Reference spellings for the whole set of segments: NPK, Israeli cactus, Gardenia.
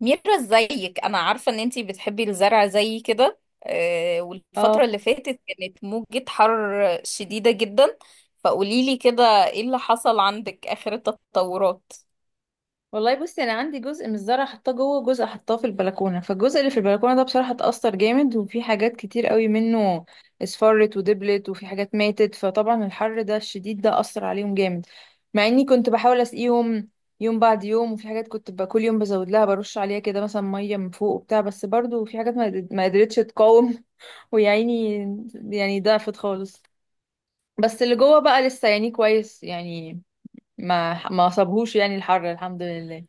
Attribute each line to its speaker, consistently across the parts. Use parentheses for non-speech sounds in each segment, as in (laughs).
Speaker 1: ميرا، زيك انا عارفة ان انتي بتحبي الزرع زي كده. والفترة
Speaker 2: اه،
Speaker 1: اللي فاتت كانت موجة حر شديدة جدا. فقوليلي كده، ايه اللي حصل عندك، اخر التطورات؟
Speaker 2: والله بصي، انا عندي جزء من الزرع حطاه جوه، جزء حطاه في البلكونه. فالجزء اللي في البلكونه ده بصراحه اتأثر جامد، وفي حاجات كتير قوي منه اصفرت ودبلت، وفي حاجات ماتت. فطبعا الحر ده الشديد ده أثر عليهم جامد، مع اني كنت بحاول اسقيهم يوم بعد يوم، وفي حاجات كنت بقى كل يوم بزود لها، برش عليها كده مثلا ميه من فوق وبتاع، بس برضو في حاجات ما قدرتش تقاوم. (laughs) ويا عيني، يعني ضعفت خالص. بس اللي جوه بقى لسه يعني كويس، يعني ما صابهوش يعني الحر، الحمد لله.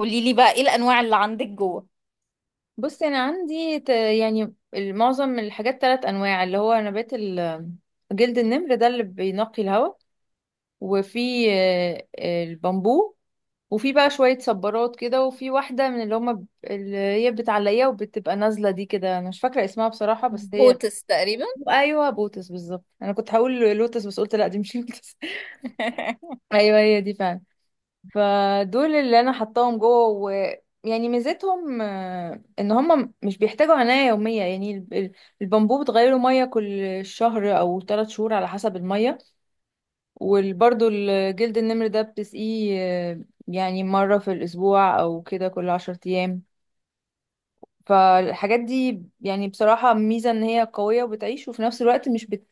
Speaker 1: قوليلي بقى، ايه الانواع اللي عندك جوه؟
Speaker 2: بص انا عندي يعني معظم الحاجات ثلاث انواع، اللي هو نبات جلد النمر ده اللي بينقي الهواء. وفي البامبو. وفي بقى شوية صبارات كده، وفي واحدة من اللي هما اللي هي بتعلقيها وبتبقى نازلة دي كده، انا مش فاكرة اسمها بصراحة، بس هي.
Speaker 1: بوتس تقريبا.
Speaker 2: ايوه، بوتس بالظبط، انا كنت هقول لوتس بس قلت لا دي مش لوتس. (laughs)
Speaker 1: (laughs)
Speaker 2: ايوه هي دي فعلا. فدول اللي انا حطاهم جوه، ويعني ميزتهم ان هم مش بيحتاجوا عناية يومية. يعني البامبو بتغيره مية كل شهر او ثلاث شهور على حسب المية. وبرده الجلد النمر ده بتسقيه يعني مرة في الاسبوع او كده كل عشر ايام. فالحاجات دي يعني بصراحة ميزة ان هي قوية وبتعيش، وفي نفس الوقت مش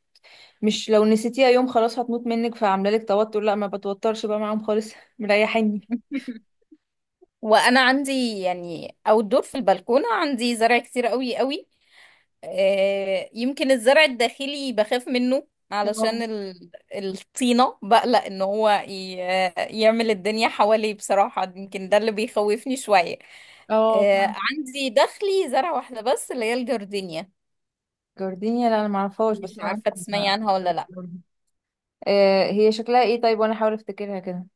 Speaker 2: مش لو نسيتيها يوم خلاص هتموت منك فعاملة لك توتر، لا ما بتوترش بقى معاهم خالص. (laughs) مريحيني.
Speaker 1: وانا عندي يعني outdoor في البلكونة، عندي زرع كتير قوي قوي. يمكن الزرع الداخلي بخاف منه، علشان
Speaker 2: اه.
Speaker 1: الطينة، بقلق ان هو يعمل الدنيا حواليه بصراحة. يمكن ده اللي بيخوفني شوية.
Speaker 2: اه.
Speaker 1: عندي داخلي زرع واحدة بس، اللي هي الجردينيا.
Speaker 2: جوردينيا؟ لا انا معرفهاش،
Speaker 1: مش
Speaker 2: بس انا
Speaker 1: عارفة
Speaker 2: ممكن
Speaker 1: تسمعي
Speaker 2: أعرف.
Speaker 1: عنها ولا لا.
Speaker 2: آه، هي شكلها ايه طيب؟ وانا احاول افتكرها كده.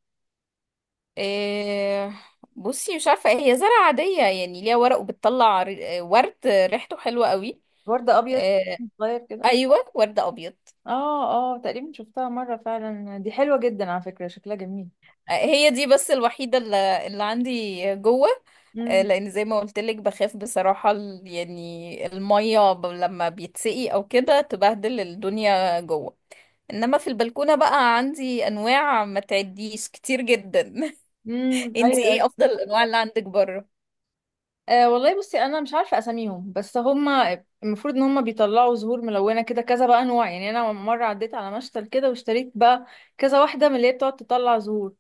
Speaker 1: آه، بصي، مش عارفة، هي زرع عادية، يعني ليها ورق وبتطلع ورد ريحته حلوة قوي.
Speaker 2: ورد ابيض.
Speaker 1: آه،
Speaker 2: صغير كده.
Speaker 1: ايوه، ورد ابيض.
Speaker 2: اه. اه، تقريبا شفتها مره فعلا، دي حلوه جدا على فكره، شكلها جميل.
Speaker 1: هي دي بس الوحيده اللي عندي جوه.
Speaker 2: امم.
Speaker 1: لان زي ما قلت لك بخاف بصراحة، يعني المية لما بيتسقي او كده تبهدل الدنيا جوه. انما في البلكونة بقى عندي انواع ما تعديش كتير جدا. (laughs)
Speaker 2: امم،
Speaker 1: انتي
Speaker 2: ايوه،
Speaker 1: ايه
Speaker 2: أيوة.
Speaker 1: افضل (laughs) الانواع اللي عندك بره؟
Speaker 2: آه، والله بصي انا مش عارفه اساميهم، بس هما المفروض ان هما بيطلعوا زهور ملونه كده كذا بقى انواع. يعني انا مره عديت على مشتل كده واشتريت بقى كذا واحده من اللي هي بتقعد تطلع زهور.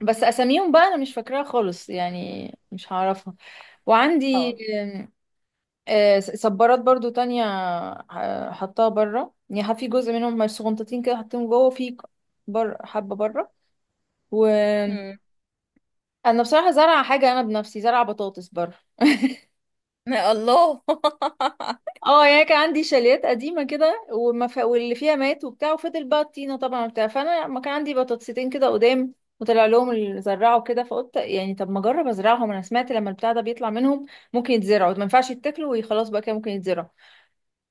Speaker 2: بس اساميهم بقى انا مش فاكراها خالص، يعني مش هعرفها. وعندي
Speaker 1: اه.
Speaker 2: صبارات برضو تانية، حطها بره، يعني في جزء منهم مش صغنطتين كده حطيهم جوه في. بره، حبة بره. وانا
Speaker 1: مم.
Speaker 2: بصراحة زرع حاجة، انا بنفسي زرع بطاطس بره. (laughs)
Speaker 1: الله. (laughs)
Speaker 2: اه، يعني كان عندي شاليات قديمة كده واللي فيها مات وبتاع، وفضل بقى الطينة طبعا وبتاع. فانا ما كان عندي بطاطستين كده قدام، وطلع لهم اللي زرعوا كده. فقلت يعني طب ما اجرب ازرعهم. انا سمعت لما البتاع ده بيطلع منهم ممكن يتزرعوا، ما ينفعش يتاكلوا وخلاص بقى كده ممكن يتزرعوا.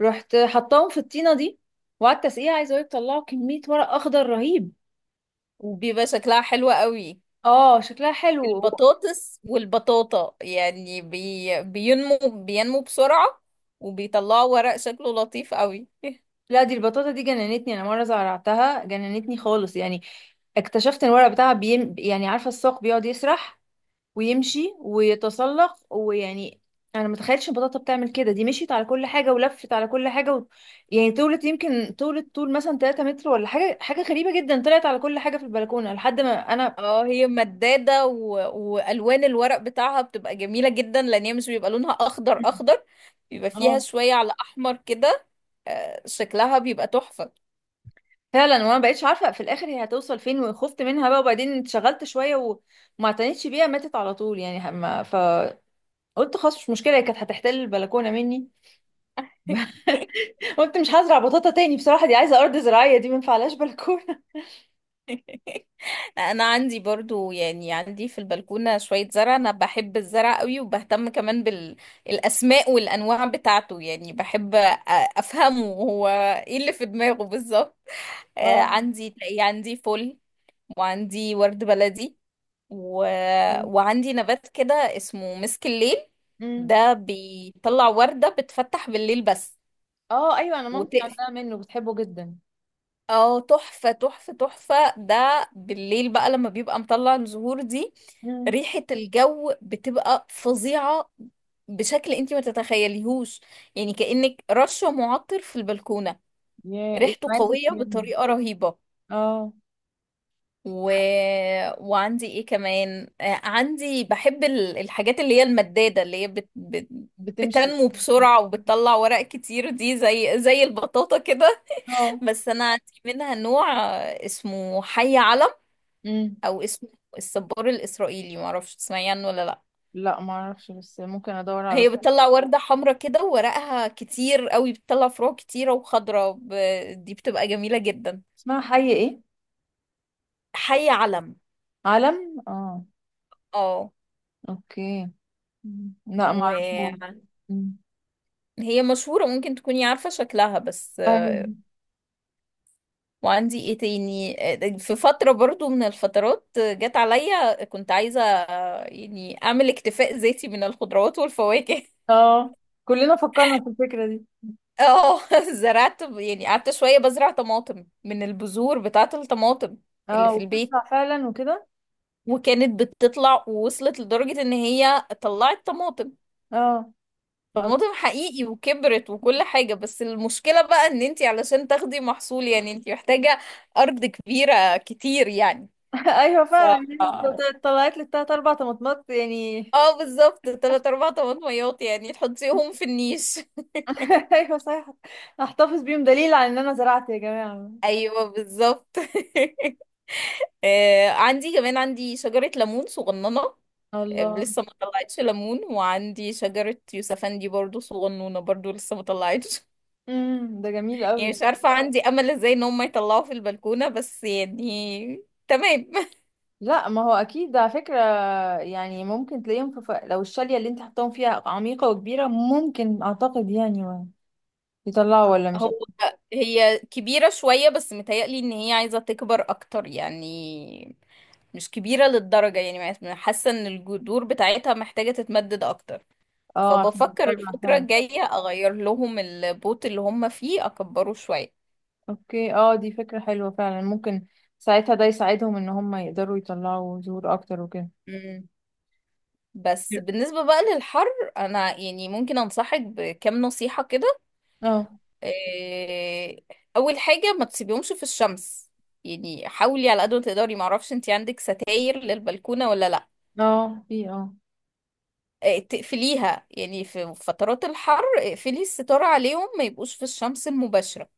Speaker 2: رحت حطاهم في الطينه دي وقعدت اسقيها، عايزه اقولك طلعوا كميه ورق اخضر رهيب.
Speaker 1: وبيبقى شكلها حلو قوي.
Speaker 2: اه، شكلها حلو.
Speaker 1: البطاطس والبطاطا، يعني بي... بينمو بينمو بسرعة، وبيطلعوا ورق شكله لطيف قوي. (laughs)
Speaker 2: لا دي البطاطا دي جننتني، انا مره زرعتها جننتني خالص. يعني اكتشفت ان الورق بتاعها يعني عارفه الساق بيقعد يسرح ويمشي ويتسلق ويعني، انا ما تخيلتش البطاطا بتعمل كده. دي مشيت على كل حاجه ولفت على كل حاجه و... يعني طولت، يمكن طولت طول مثلا 3 متر ولا حاجه، حاجه غريبه جدا، طلعت على كل حاجه في البلكونه لحد ما انا.
Speaker 1: اه، هي مدادة، والوان الورق بتاعها بتبقى جميلة جدا، لان هي مش بيبقى لونها اخضر اخضر، بيبقى فيها
Speaker 2: اه
Speaker 1: شوية على احمر كده. شكلها بيبقى تحفة.
Speaker 2: فعلا. وانا بقيتش عارفه في الاخر هي هتوصل فين، وخفت منها بقى، وبعدين اتشغلت شويه وما اعتنتش بيها، ماتت على طول يعني. ما فقلت خلاص مش مشكله، هي كانت هتحتل البلكونه مني.
Speaker 1: (laughs)
Speaker 2: (laughs) قلت مش هزرع بطاطا تاني بصراحه، دي عايزه ارض زراعيه، دي ما ينفعلهاش بلكونه.
Speaker 1: انا عندي برضو، يعني عندي في البلكونة شوية زرع، انا بحب الزرع قوي وبهتم كمان بالاسماء والانواع بتاعته. يعني بحب افهمه، هو ايه اللي في دماغه بالظبط.
Speaker 2: (laughs) اه.
Speaker 1: عندي، تلاقي عندي فل، وعندي ورد بلدي، و... وعندي نبات كده اسمه مسك الليل.
Speaker 2: امم.
Speaker 1: ده بيطلع وردة بتفتح بالليل بس،
Speaker 2: اه ايوه، انا مامتي
Speaker 1: وتقف.
Speaker 2: عندها منه بتحبه جدا.
Speaker 1: اه، تحفة تحفة تحفة. ده بالليل بقى لما بيبقى مطلع الزهور دي،
Speaker 2: امم.
Speaker 1: ريحة الجو بتبقى فظيعة، بشكل انتي ما تتخيليهوش. يعني كأنك رشة معطر في البلكونة.
Speaker 2: يا ايه
Speaker 1: ريحته
Speaker 2: ماسك
Speaker 1: قوية
Speaker 2: منه.
Speaker 1: بطريقة رهيبة.
Speaker 2: اه.
Speaker 1: و... وعندي ايه كمان؟ عندي، بحب الحاجات اللي هي المدادة، اللي هي
Speaker 2: بتمشي.
Speaker 1: بتنمو بسرعة وبتطلع ورق كتير. دي زي البطاطا كده. (laughs)
Speaker 2: اه.
Speaker 1: بس انا عندي منها نوع اسمه حي علم،
Speaker 2: امم.
Speaker 1: او اسمه الصبار الإسرائيلي. معرفش تسمعي عنه ولا لا.
Speaker 2: لا ما اعرفش، بس ممكن ادور على.
Speaker 1: هي بتطلع وردة حمرا كده، وورقها كتير قوي، بتطلع فروع كتيرة وخضرة. دي بتبقى جميلة جدا.
Speaker 2: اسمها حي ايه؟
Speaker 1: حي علم.
Speaker 2: علم. اه.
Speaker 1: اه.
Speaker 2: اوكي. مم. لا
Speaker 1: و
Speaker 2: معرفوش. مم.
Speaker 1: هي مشهورة، ممكن تكوني عارفة شكلها بس.
Speaker 2: ايوه.
Speaker 1: وعندي ايه تاني؟ في فترة برضو من الفترات جت عليا كنت عايزة، يعني اعمل اكتفاء ذاتي من الخضروات والفواكه.
Speaker 2: اه، كلنا فكرنا في الفكرة دي.
Speaker 1: (laughs) اه. زرعت، يعني قعدت شوية بزرع طماطم من البذور بتاعة الطماطم اللي
Speaker 2: اه،
Speaker 1: في البيت.
Speaker 2: وبتطلع فعلا وكده.
Speaker 1: وكانت بتطلع، ووصلت لدرجة ان هي طلعت طماطم،
Speaker 2: اه. (laughs)
Speaker 1: طماطم حقيقي، وكبرت، وكل حاجة. بس المشكلة بقى ان انتي علشان تاخدي محصول، يعني انتي محتاجة ارض كبيرة كتير يعني.
Speaker 2: ايوه
Speaker 1: ف
Speaker 2: فعلا يعني، طلعت لي التلات اربع طماطمات يعني.
Speaker 1: اه بالظبط، تلات اربع طماطميات يعني تحطيهم في النيش.
Speaker 2: (laughs) ايوه صحيح. احتفظ بيهم دليل على ان انا زرعت يا جماعه.
Speaker 1: (laughs) ايوه بالظبط. آه، عندي كمان عندي شجرة ليمون صغننة.
Speaker 2: الله.
Speaker 1: لسه ما طلعتش ليمون. وعندي شجرة يوسفندي برضو صغنونة، برضو لسه ما طلعتش.
Speaker 2: امم، ده
Speaker 1: (laughs)
Speaker 2: جميل
Speaker 1: يعني
Speaker 2: قوي.
Speaker 1: مش عارفة عندي امل ازاي ان هم يطلعوا في البلكونة، بس يعني تمام.
Speaker 2: لا ما هو اكيد ده على فكره، يعني ممكن تلاقيهم في ف... لو الشاليه اللي انت حطاهم فيها عميقه وكبيره ممكن، اعتقد يعني يطلعوا ولا مش.
Speaker 1: هو هي كبيرة شوية، بس متهيألي ان هي عايزة تكبر اكتر يعني. مش كبيرة للدرجة، يعني حاسة ان الجذور بتاعتها محتاجة تتمدد اكتر.
Speaker 2: اه عشان
Speaker 1: فبفكر
Speaker 2: يطلع
Speaker 1: الفترة
Speaker 2: فعلا.
Speaker 1: الجاية اغير لهم البوت اللي هم فيه، اكبره شوية.
Speaker 2: اوكي، اه دي فكرة حلوة فعلا، ممكن ساعتها ده يساعدهم ان هم يقدروا يطلعوا زهور اكتر وكده.
Speaker 1: مم. بس
Speaker 2: Yeah.
Speaker 1: بالنسبة بقى للحر، انا يعني ممكن انصحك بكام نصيحة كده.
Speaker 2: اه.
Speaker 1: إيه، اول حاجة، ما تسيبيهمش في الشمس. يعني حاولي على قد ما تقدري، معرفش انتي عندك ستاير للبلكونة ولا لا.
Speaker 2: اه في، اه.
Speaker 1: تقفليها يعني في فترات الحر، اقفلي الستارة عليهم، ما يبقوش في الشمس المباشرة.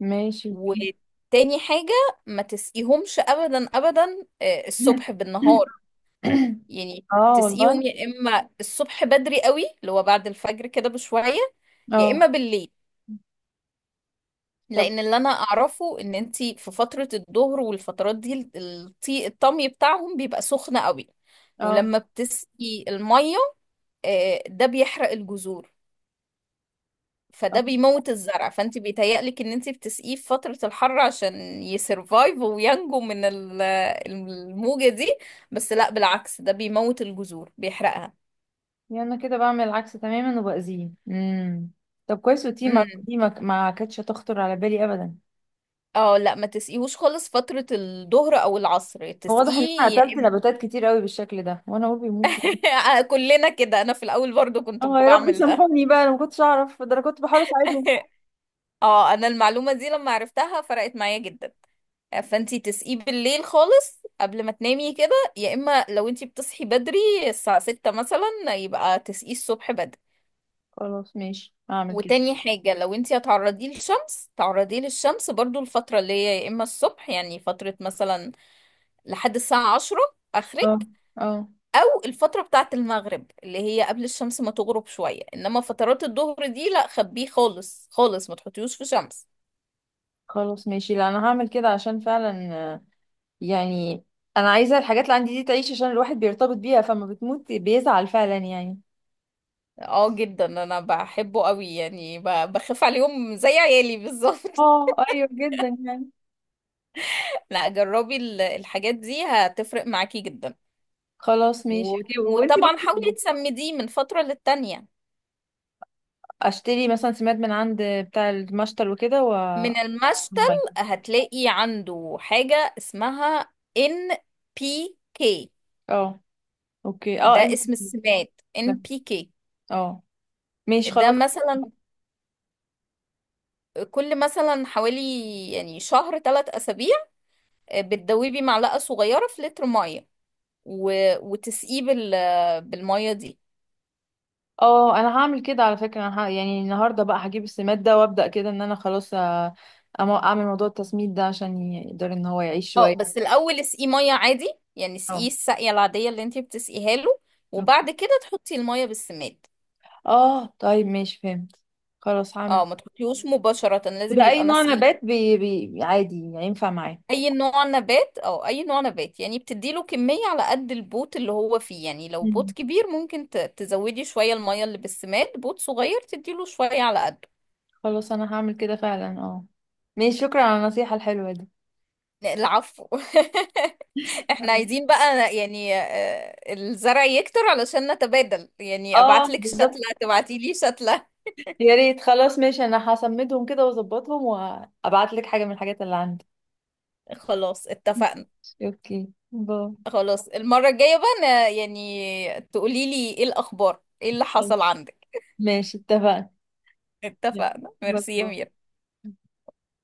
Speaker 2: ماشي، في.
Speaker 1: وتاني حاجة، ما تسقيهمش أبدا أبدا الصبح
Speaker 2: (coughs)
Speaker 1: بالنهار. يعني
Speaker 2: اه
Speaker 1: تسقيهم
Speaker 2: والله.
Speaker 1: يا إما الصبح بدري قوي، اللي هو بعد الفجر كده بشوية، يا إما
Speaker 2: اه.
Speaker 1: بالليل.
Speaker 2: طب.
Speaker 1: لأن اللي أنا أعرفه إن أنتي في فترة الظهر والفترات دي، الطمي بتاعهم بيبقى سخن قوي،
Speaker 2: اه.
Speaker 1: ولما بتسقي المية، ده بيحرق الجذور،
Speaker 2: اه
Speaker 1: فده بيموت الزرع. فانت بيتهيألك ان انت بتسقيه في فترة الحر عشان يسرفايف، وينجو من الموجة دي، بس لا، بالعكس، ده بيموت الجذور، بيحرقها.
Speaker 2: يعني انا كده بعمل العكس تماما وبأذيه. امم، طب كويس، وتي ما
Speaker 1: امم.
Speaker 2: دي ما كانتش هتخطر على بالي ابدا.
Speaker 1: اه، لا، ما تسقيهوش خالص فترة الظهر او العصر.
Speaker 2: هو واضح ان انا
Speaker 1: تسقيه يا
Speaker 2: قتلت نباتات كتير قوي بالشكل ده، وانا اقول بيموتوا.
Speaker 1: (laughs) كلنا كده، انا في الاول برضو كنت
Speaker 2: اه يا رب
Speaker 1: بعمل ده.
Speaker 2: سامحوني بقى، انا ما كنتش اعرف ده، انا كنت بحاول اساعدهم.
Speaker 1: (laughs) اه، انا المعلومة دي لما عرفتها فرقت معايا جدا. فانتي تسقيه بالليل خالص قبل ما تنامي كده، يا اما لو انتي بتصحي بدري الساعة 6 مثلا، يبقى تسقيه الصبح بدري.
Speaker 2: خلاص ماشي هعمل كده.
Speaker 1: وتاني حاجة، لو انتي هتعرضيه للشمس، تعرضيه للشمس برضو الفترة اللي هي يا اما الصبح، يعني فترة مثلا لحد الساعة 10
Speaker 2: اه.
Speaker 1: اخرك،
Speaker 2: اه.
Speaker 1: او الفترة بتاعة المغرب اللي هي قبل الشمس ما تغرب شوية. انما فترات الظهر دي لا، خبيه خالص خالص، ما تحطيهوش في شمس.
Speaker 2: خلاص ماشي، لا انا هعمل كده عشان فعلا آه، يعني انا عايزه الحاجات اللي عندي دي تعيش، عشان الواحد بيرتبط بيها فما بتموت بيزعل فعلا يعني.
Speaker 1: اه جدا، انا بحبه قوي، يعني بخاف عليهم زي عيالي بالظبط.
Speaker 2: اه ايوه جدا يعني.
Speaker 1: لا، جربي الحاجات دي، هتفرق معاكي جدا.
Speaker 2: خلاص ماشي اوكي. وانتي
Speaker 1: وطبعا
Speaker 2: برضه
Speaker 1: حاولي تسمديه من فترة للتانية،
Speaker 2: اشتري مثلا سماد من عند بتاع المشتل وكده و
Speaker 1: من المشتل.
Speaker 2: والمية.
Speaker 1: هتلاقي عنده حاجة اسمها NPK.
Speaker 2: اه اوكي اه
Speaker 1: ده
Speaker 2: انت.
Speaker 1: اسم السماد NPK.
Speaker 2: اه ماشي
Speaker 1: ده
Speaker 2: خلاص.
Speaker 1: مثلا كل مثلا حوالي، يعني شهر 3 أسابيع، بتدوبي معلقة صغيرة في لتر مية، و... وتسقيه بالمية دي.
Speaker 2: اه انا هعمل كده على فكره، انا يعني النهارده بقى هجيب السماد ده، وابدا كده ان انا خلاص اعمل موضوع التسميد ده عشان يقدر ان هو يعيش
Speaker 1: اه،
Speaker 2: شويه.
Speaker 1: بس الاول اسقيه ميه عادي، يعني اسقيه
Speaker 2: اه.
Speaker 1: السقيه العاديه اللي انتي بتسقيها له،
Speaker 2: اوكي،
Speaker 1: وبعد كده تحطي الميه بالسماد.
Speaker 2: اه طيب ماشي فهمت. خلاص
Speaker 1: اه،
Speaker 2: هعمل.
Speaker 1: ما تحطيهوش مباشره، لازم
Speaker 2: وده اي
Speaker 1: يبقى
Speaker 2: نوع
Speaker 1: مسقي.
Speaker 2: نبات عادي ينفع معاه؟
Speaker 1: اي نوع نبات، او اي نوع نبات يعني، بتديله كميه على قد البوت اللي هو فيه. يعني لو بوت
Speaker 2: مم.
Speaker 1: كبير ممكن تزودي شويه الميه اللي بالسماد، بوت صغير تديله شويه على قده.
Speaker 2: خلاص انا هعمل كده فعلا اه. ماشي، شكرا على النصيحه الحلوه دي.
Speaker 1: العفو. (laughs) احنا
Speaker 2: خلاص.
Speaker 1: عايزين بقى، يعني الزرع يكتر، علشان نتبادل، يعني
Speaker 2: اه
Speaker 1: ابعتلك
Speaker 2: بالظبط.
Speaker 1: شتلة تبعتيلي شتلة.
Speaker 2: يا ريت، خلاص ماشي، انا هسمدهم كده واظبطهم وابعت لك حاجه من الحاجات اللي عندي.
Speaker 1: خلاص اتفقنا.
Speaker 2: اوكي باي.
Speaker 1: خلاص، المرة الجاية بقى أنا يعني تقولي لي ايه الأخبار، ايه اللي
Speaker 2: طيب،
Speaker 1: حصل عندك.
Speaker 2: ماشي اتفقنا.
Speaker 1: اتفقنا، ميرسي يا
Speaker 2: بالظبط.
Speaker 1: ميرا.